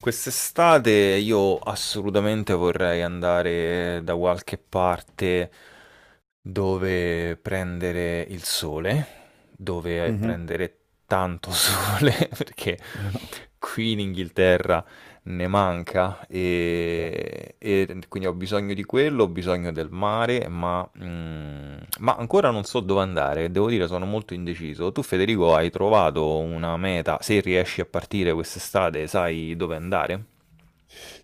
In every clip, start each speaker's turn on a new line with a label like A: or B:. A: Quest'estate io assolutamente vorrei andare da qualche parte dove prendere il sole, dove
B: Mhm.
A: prendere tanto sole, perché qui in Inghilterra ne manca e quindi ho bisogno di quello, ho bisogno del mare, ma, ma ancora non so dove andare, devo dire sono molto indeciso. Tu Federico hai trovato una meta, se riesci a partire quest'estate sai dove andare?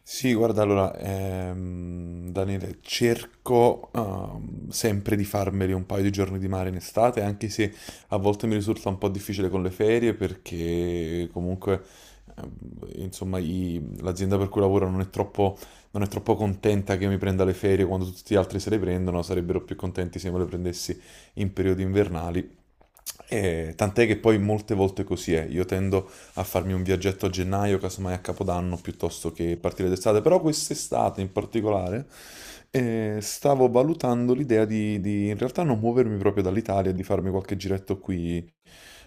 B: Sì, guarda, allora, Daniele, cerco sempre di farmeli un paio di giorni di mare in estate, anche se a volte mi risulta un po' difficile con le ferie perché comunque, ehm, insomma, l'azienda per cui lavoro non è troppo contenta che io mi prenda le ferie quando tutti gli altri se le prendono, sarebbero più contenti se me le prendessi in periodi invernali. E tant'è che poi molte volte così è, io tendo a farmi un viaggetto a gennaio, casomai a Capodanno, piuttosto che partire d'estate. Però quest'estate in particolare stavo valutando l'idea di in realtà non muovermi proprio dall'Italia, e di farmi qualche giretto qui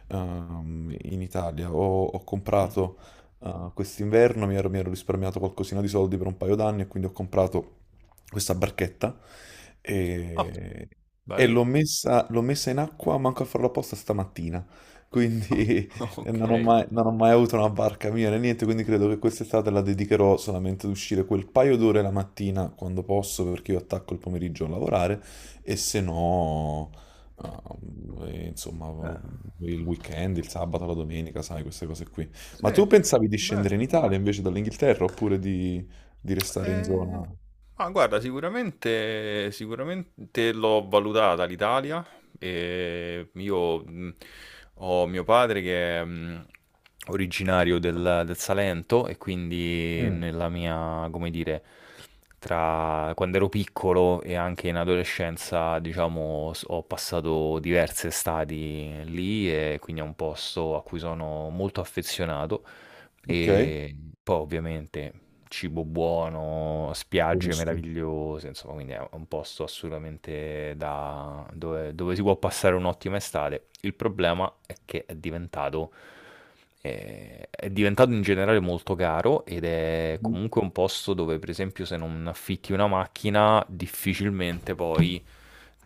B: in Italia. Ho comprato quest'inverno, mi ero risparmiato qualcosina di soldi per un paio d'anni e quindi ho comprato questa barchetta
A: Ah,
B: e, e l'ho
A: bello.
B: messa, l'ho messa in acqua, manco a farlo apposta stamattina.
A: Ah,
B: Quindi, e
A: ok.
B: non ho mai, non ho mai avuto una barca mia né niente, quindi credo che quest'estate la dedicherò solamente ad uscire quel paio d'ore la mattina quando posso, perché io attacco il pomeriggio a lavorare, e se no, insomma, il weekend, il sabato, la domenica, sai, queste cose qui.
A: Sì,
B: Ma tu pensavi di
A: beh,
B: scendere in Italia invece dall'Inghilterra oppure di restare in
A: eh,
B: zona?
A: Ma guarda, sicuramente, sicuramente l'ho valutata l'Italia. E io ho mio padre che è originario del Salento e quindi
B: Mm,
A: nella mia, come dire, tra quando ero piccolo e anche in adolescenza, diciamo, ho passato diverse estati lì e quindi è un posto a cui sono molto affezionato.
B: ok,
A: E poi ovviamente cibo buono, spiagge
B: buonissimo.
A: meravigliose, insomma, quindi è un posto assolutamente da dove, dove si può passare un'ottima estate. Il problema è che è diventato in generale molto caro ed è
B: Mhm.
A: comunque un posto dove, per esempio, se non affitti una macchina, difficilmente poi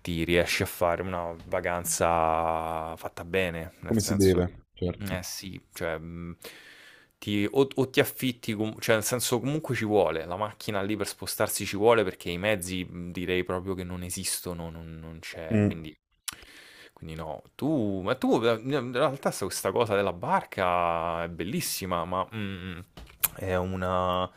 A: ti riesci a fare una vacanza fatta bene, nel
B: Come si
A: senso che...
B: deve, certo.
A: Eh sì, cioè, o ti affitti, cioè nel senso comunque ci vuole, la macchina lì per spostarsi ci vuole perché i mezzi direi proprio che non esistono, non, non c'è,
B: Mm.
A: quindi, quindi no. Tu, ma tu in realtà se questa cosa della barca è bellissima, ma... è una,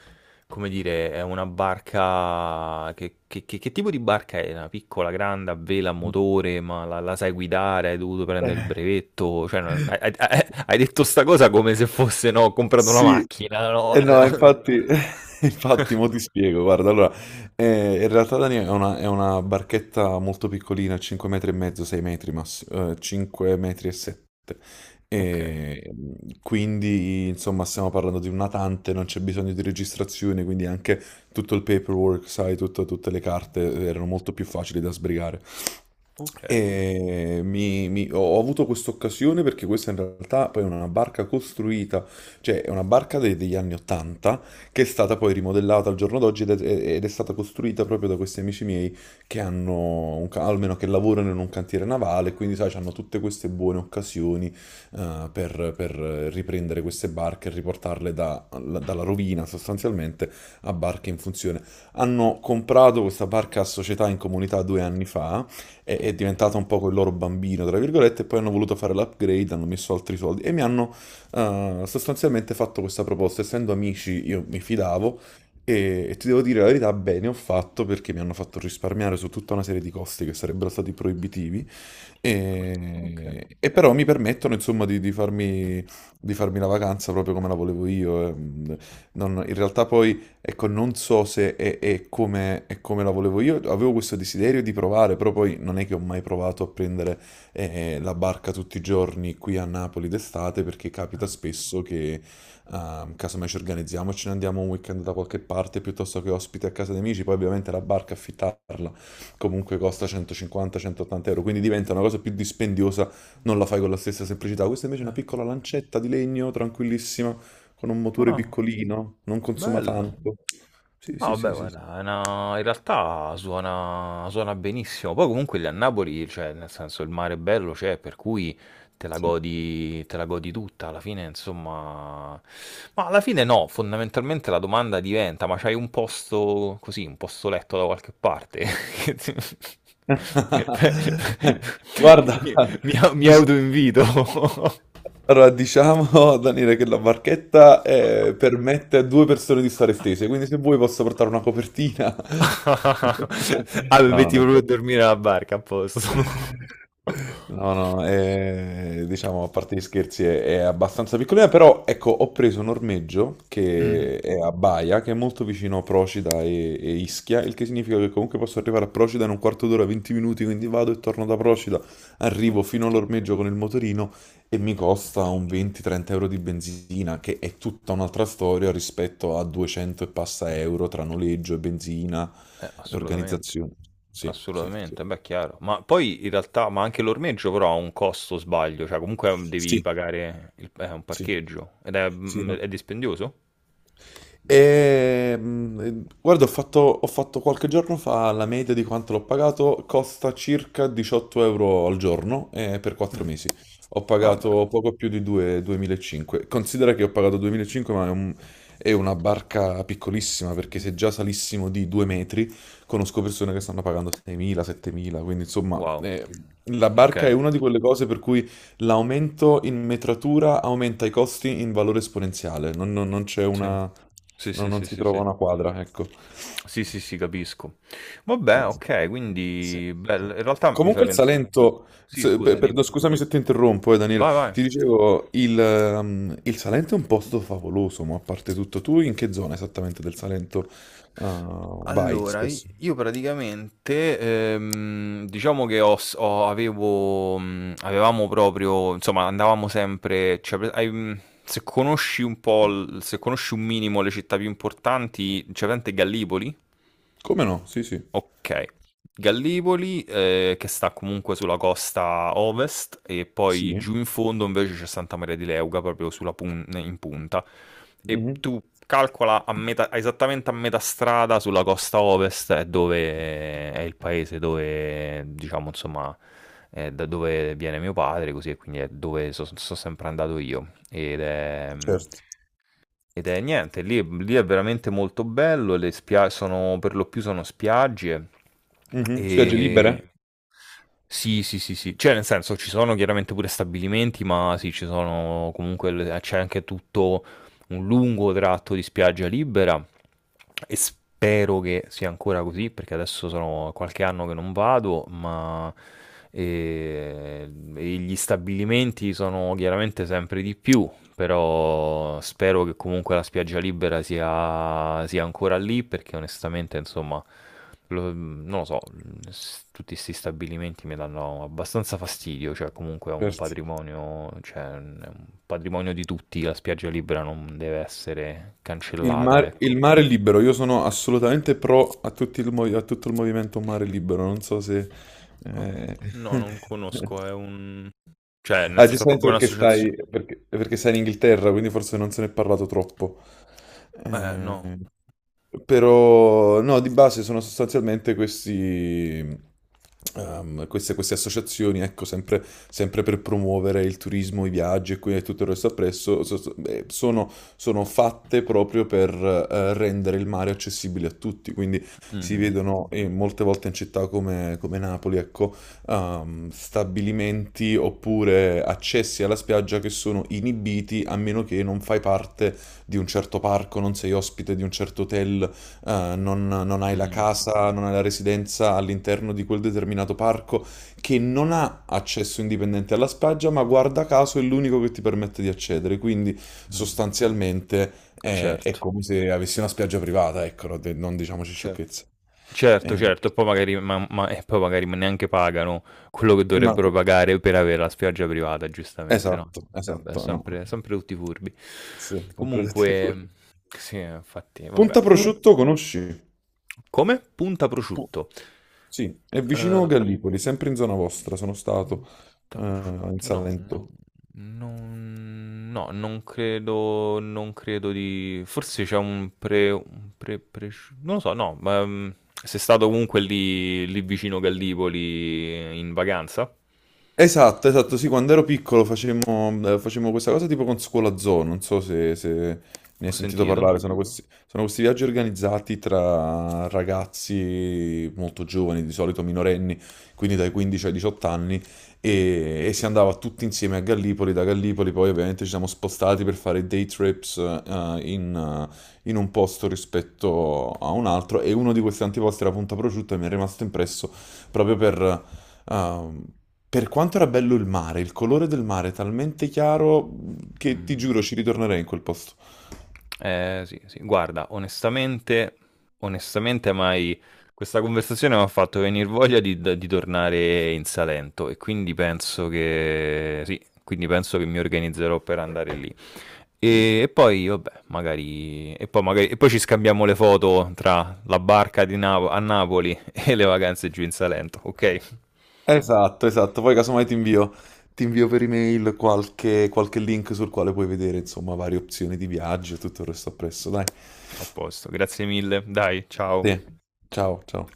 A: come dire, è una barca. Che, che tipo di barca è? Una piccola, grande, a vela, a
B: Mm.
A: motore, ma la sai guidare? Hai dovuto prendere il brevetto? Cioè, hai, hai detto sta cosa come se fosse, no, ho comprato una
B: Sì,
A: macchina, no?
B: eh no, infatti, infatti, mo ti spiego, guarda, allora, in realtà Dani è una barchetta molto piccolina, 5 metri e mezzo, 6 metri massimo, 5 metri e 7,
A: Ok,
B: e quindi, insomma, stiamo parlando di un natante, non c'è bisogno di registrazione, quindi anche tutto il paperwork, sai, tutte le carte
A: sì.
B: erano molto più facili da sbrigare.
A: Ok,
B: E ho avuto questa occasione perché questa in realtà poi è una barca costruita, cioè, è una barca degli anni 80 che è stata poi rimodellata al giorno d'oggi ed è stata costruita proprio da questi amici miei che hanno, almeno che lavorano in un cantiere navale, quindi sai, hanno tutte queste buone occasioni per riprendere queste barche e riportarle dalla rovina sostanzialmente a barche in funzione. Hanno comprato questa barca a società in comunità 2 anni fa, è diventata un po' il loro bambino, tra virgolette, e poi hanno voluto fare l'upgrade, hanno messo altri soldi e mi hanno ha sostanzialmente fatto questa proposta. Essendo amici, io mi fidavo e ti devo dire la verità, bene ho fatto perché mi hanno fatto risparmiare su tutta una serie di costi che sarebbero stati proibitivi
A: ok.
B: e però mi permettono insomma di farmi la vacanza proprio come la volevo io. In realtà poi ecco non so se è come la volevo io, avevo questo desiderio di provare, però poi non è che ho mai provato a prendere la barca tutti i giorni qui a Napoli d'estate perché capita spesso che casomai ci organizziamo e ce ne andiamo un weekend da qualche parte piuttosto che ospiti a casa di amici, poi ovviamente la barca affittarla comunque costa 150-180 euro, quindi diventa una cosa più dispendiosa, non la fai con la stessa semplicità. Questa invece è una piccola lancetta di legno tranquillissima con un motore
A: Ah,
B: piccolino, non consuma
A: bello.
B: tanto. Sì,
A: No,
B: sì,
A: vabbè,
B: sì, sì, sì.
A: guarda, in realtà suona, suona benissimo. Poi comunque lì a Napoli, cioè, nel senso, il mare è bello, c'è, per cui
B: Sì.
A: te la godi tutta, alla fine, insomma... Ma alla fine no, fondamentalmente la domanda diventa, ma c'hai un posto così, un posto letto da qualche parte?
B: Guarda,
A: Mi, mi
B: di,
A: autoinvito.
B: allora, diciamo, Daniele, che la barchetta permette a 2 persone di stare stese, quindi se vuoi posso portare una copertina.
A: Ah, mi
B: No,
A: metti
B: non è
A: proprio a
B: vero.
A: dormire alla barca, a posto.
B: No, no, diciamo a parte gli scherzi è abbastanza piccolina, però ecco, ho preso un ormeggio
A: Mh-mh.
B: che è a Baia, che è molto vicino a Procida e Ischia, il che significa che comunque posso arrivare a Procida in un quarto d'ora, 20 minuti, quindi vado e torno da Procida, arrivo
A: Okay.
B: fino all'ormeggio con il motorino e mi costa un 20-30 euro di benzina, che è tutta un'altra storia rispetto a 200 e passa euro tra noleggio e benzina e
A: Assolutamente,
B: organizzazione. Sì, sì, sì.
A: assolutamente, beh, chiaro. Ma poi in realtà ma anche l'ormeggio però ha un costo, sbaglio, cioè comunque, devi
B: Sì,
A: pagare il p un
B: sì,
A: parcheggio ed è
B: sì, no.
A: è dispendioso?
B: Guarda, ho fatto qualche giorno fa la media di quanto l'ho pagato, costa circa 18 euro al giorno per 4
A: Mh.
B: mesi. Ho
A: Vabbè,
B: pagato poco più di 2.500. Considera che ho pagato 2.500, ma è una barca piccolissima, perché se già salissimo di 2 metri, conosco persone che stanno pagando 6.000, 7.000, quindi insomma,
A: wow,
B: la barca è
A: okay,
B: una di quelle cose per cui l'aumento in metratura aumenta i costi in valore esponenziale, non c'è
A: sì.
B: una,
A: Sì,
B: non
A: sì,
B: non
A: sì,
B: si
A: sì,
B: trova
A: sì.
B: una quadra, ecco.
A: Sì, sì, sì, capisco. Vabbè, okay,
B: Sì,
A: quindi
B: sì.
A: bel in realtà mi fai
B: Comunque il
A: pens
B: Salento,
A: sì, scusa, dimmi.
B: scusami se ti interrompo, Daniele,
A: Vai, vai.
B: ti dicevo, il Salento è un posto favoloso, ma a parte tutto, tu in che zona esattamente del Salento vai
A: Allora,
B: spesso?
A: io praticamente, diciamo che ho, avevo, avevamo proprio, insomma, andavamo sempre, cioè, se conosci un po', se conosci un minimo le città più importanti, c'è presente Gallipoli?
B: Come no? Sì, sì.
A: Okay. Gallipoli, che sta comunque sulla costa ovest e poi
B: Sì?
A: giù in fondo invece c'è Santa Maria di Leuca, proprio sulla pun in punta. E
B: Mhm,
A: tu calcola a metà esattamente a metà strada sulla costa ovest è dove è il paese dove diciamo insomma, è da dove viene mio padre, così e quindi è dove so sempre andato io. Ed è, mhmm
B: certo.
A: ed è niente, lì, lì è veramente molto bello, sono, per lo più sono spiagge
B: Mhm. Spiagge
A: e...
B: libere?
A: Sì, sì, sì, sì, cioè nel senso ci sono chiaramente pure stabilimenti, ma sì, ci sono comunque, c'è anche tutto un lungo tratto di spiaggia libera e spero che sia ancora così, perché adesso sono qualche anno che non vado, ma eh, e gli stabilimenti sono chiaramente sempre di più però spero che comunque la spiaggia libera sia ancora lì perché onestamente, insomma, non lo so, tutti questi stabilimenti mi danno abbastanza fastidio, cioè comunque è un
B: Certo.
A: patrimonio, cioè è un patrimonio di tutti, la spiaggia libera non deve essere
B: Il
A: cancellata,
B: mare,
A: ecco.
B: il mare libero, io sono assolutamente pro a, a tutto il movimento mare libero, non so se.
A: Ah,
B: eh,
A: no, non conosco, è un... Cioè, nel
B: Ah,
A: senso, è
B: giustamente
A: proprio
B: perché
A: un'associazione.
B: stai, perché, perché stai in Inghilterra, quindi forse non se ne è parlato troppo.
A: No.
B: Eh, Però no, di base sono sostanzialmente questi, queste associazioni, ecco, sempre per promuovere il turismo, i viaggi e e tutto il resto appresso, sono fatte proprio per rendere il mare accessibile a tutti, quindi si
A: Mhm,
B: vedono molte volte in città come Napoli, ecco, stabilimenti oppure accessi alla spiaggia che sono inibiti a meno che non fai parte di un certo parco, non sei ospite di un certo hotel, non hai la
A: mhm,
B: casa, non hai la residenza all'interno di quel determinato parco, che non ha accesso indipendente alla spiaggia, ma guarda caso è l'unico che ti permette di accedere. Quindi
A: mhm.
B: sostanzialmente è
A: Certo,
B: come se avessi una spiaggia privata, ecco, no, non diciamoci
A: certo.
B: sciocchezze.
A: Certo,
B: Eh,
A: certo, e poi magari e poi magari ma neanche pagano quello che
B: ma
A: dovrebbero pagare per avere la spiaggia privata, giustamente, no,
B: esatto,
A: vabbè
B: esatto, no.
A: sempre sempre tutti furbi.
B: Sì, sempre tutti pure.
A: Comunque sì, infatti vabbè. Comun
B: Pontaprosciutto conosci?
A: come? Punta
B: Pu-
A: prosciutto.
B: Sì, è vicino
A: Uhm
B: Gallipoli, sempre in zona vostra, sono stato
A: Da
B: in
A: prosciutto, no, no,
B: Salento.
A: non, no, non credo, non credo di... Forse c'è un pre, presci- non lo so, no, ma sei stato comunque lì, lì vicino Gallipoli in vacanza?
B: Esatto, esatto, sì, quando ero piccolo facemmo, facemmo questa cosa tipo con Scuola Zoo, non so se ne
A: Ho
B: hai sentito
A: sentito.
B: parlare, sono questi viaggi organizzati tra ragazzi molto giovani, di solito minorenni, quindi dai 15 ai 18 anni, e si andava tutti insieme a Gallipoli, da Gallipoli poi ovviamente ci siamo spostati per fare day trips in un posto rispetto a un altro e uno di questi antiposti era Punta Prosciutto e mi è rimasto impresso proprio ehm, per quanto era bello il mare, il colore del mare è talmente chiaro che ti
A: Mm.
B: giuro ci ritornerei in quel posto.
A: Sì, sì, guarda, onestamente, onestamente, mai... Questa conversazione mi ha fatto venire voglia di tornare in Salento e quindi penso che... Sì, quindi penso che mi organizzerò per andare lì. E poi, vabbè, magari... e poi ci scambiamo le foto tra la barca di Napo- a Napoli e le vacanze giù in Salento, ok?
B: Esatto, esatto, poi casomai ti invio per email qualche link sul quale puoi vedere insomma varie opzioni di viaggio e tutto il resto appresso, dai.
A: A posto, grazie mille, dai, ciao.
B: Sì, ciao, ciao.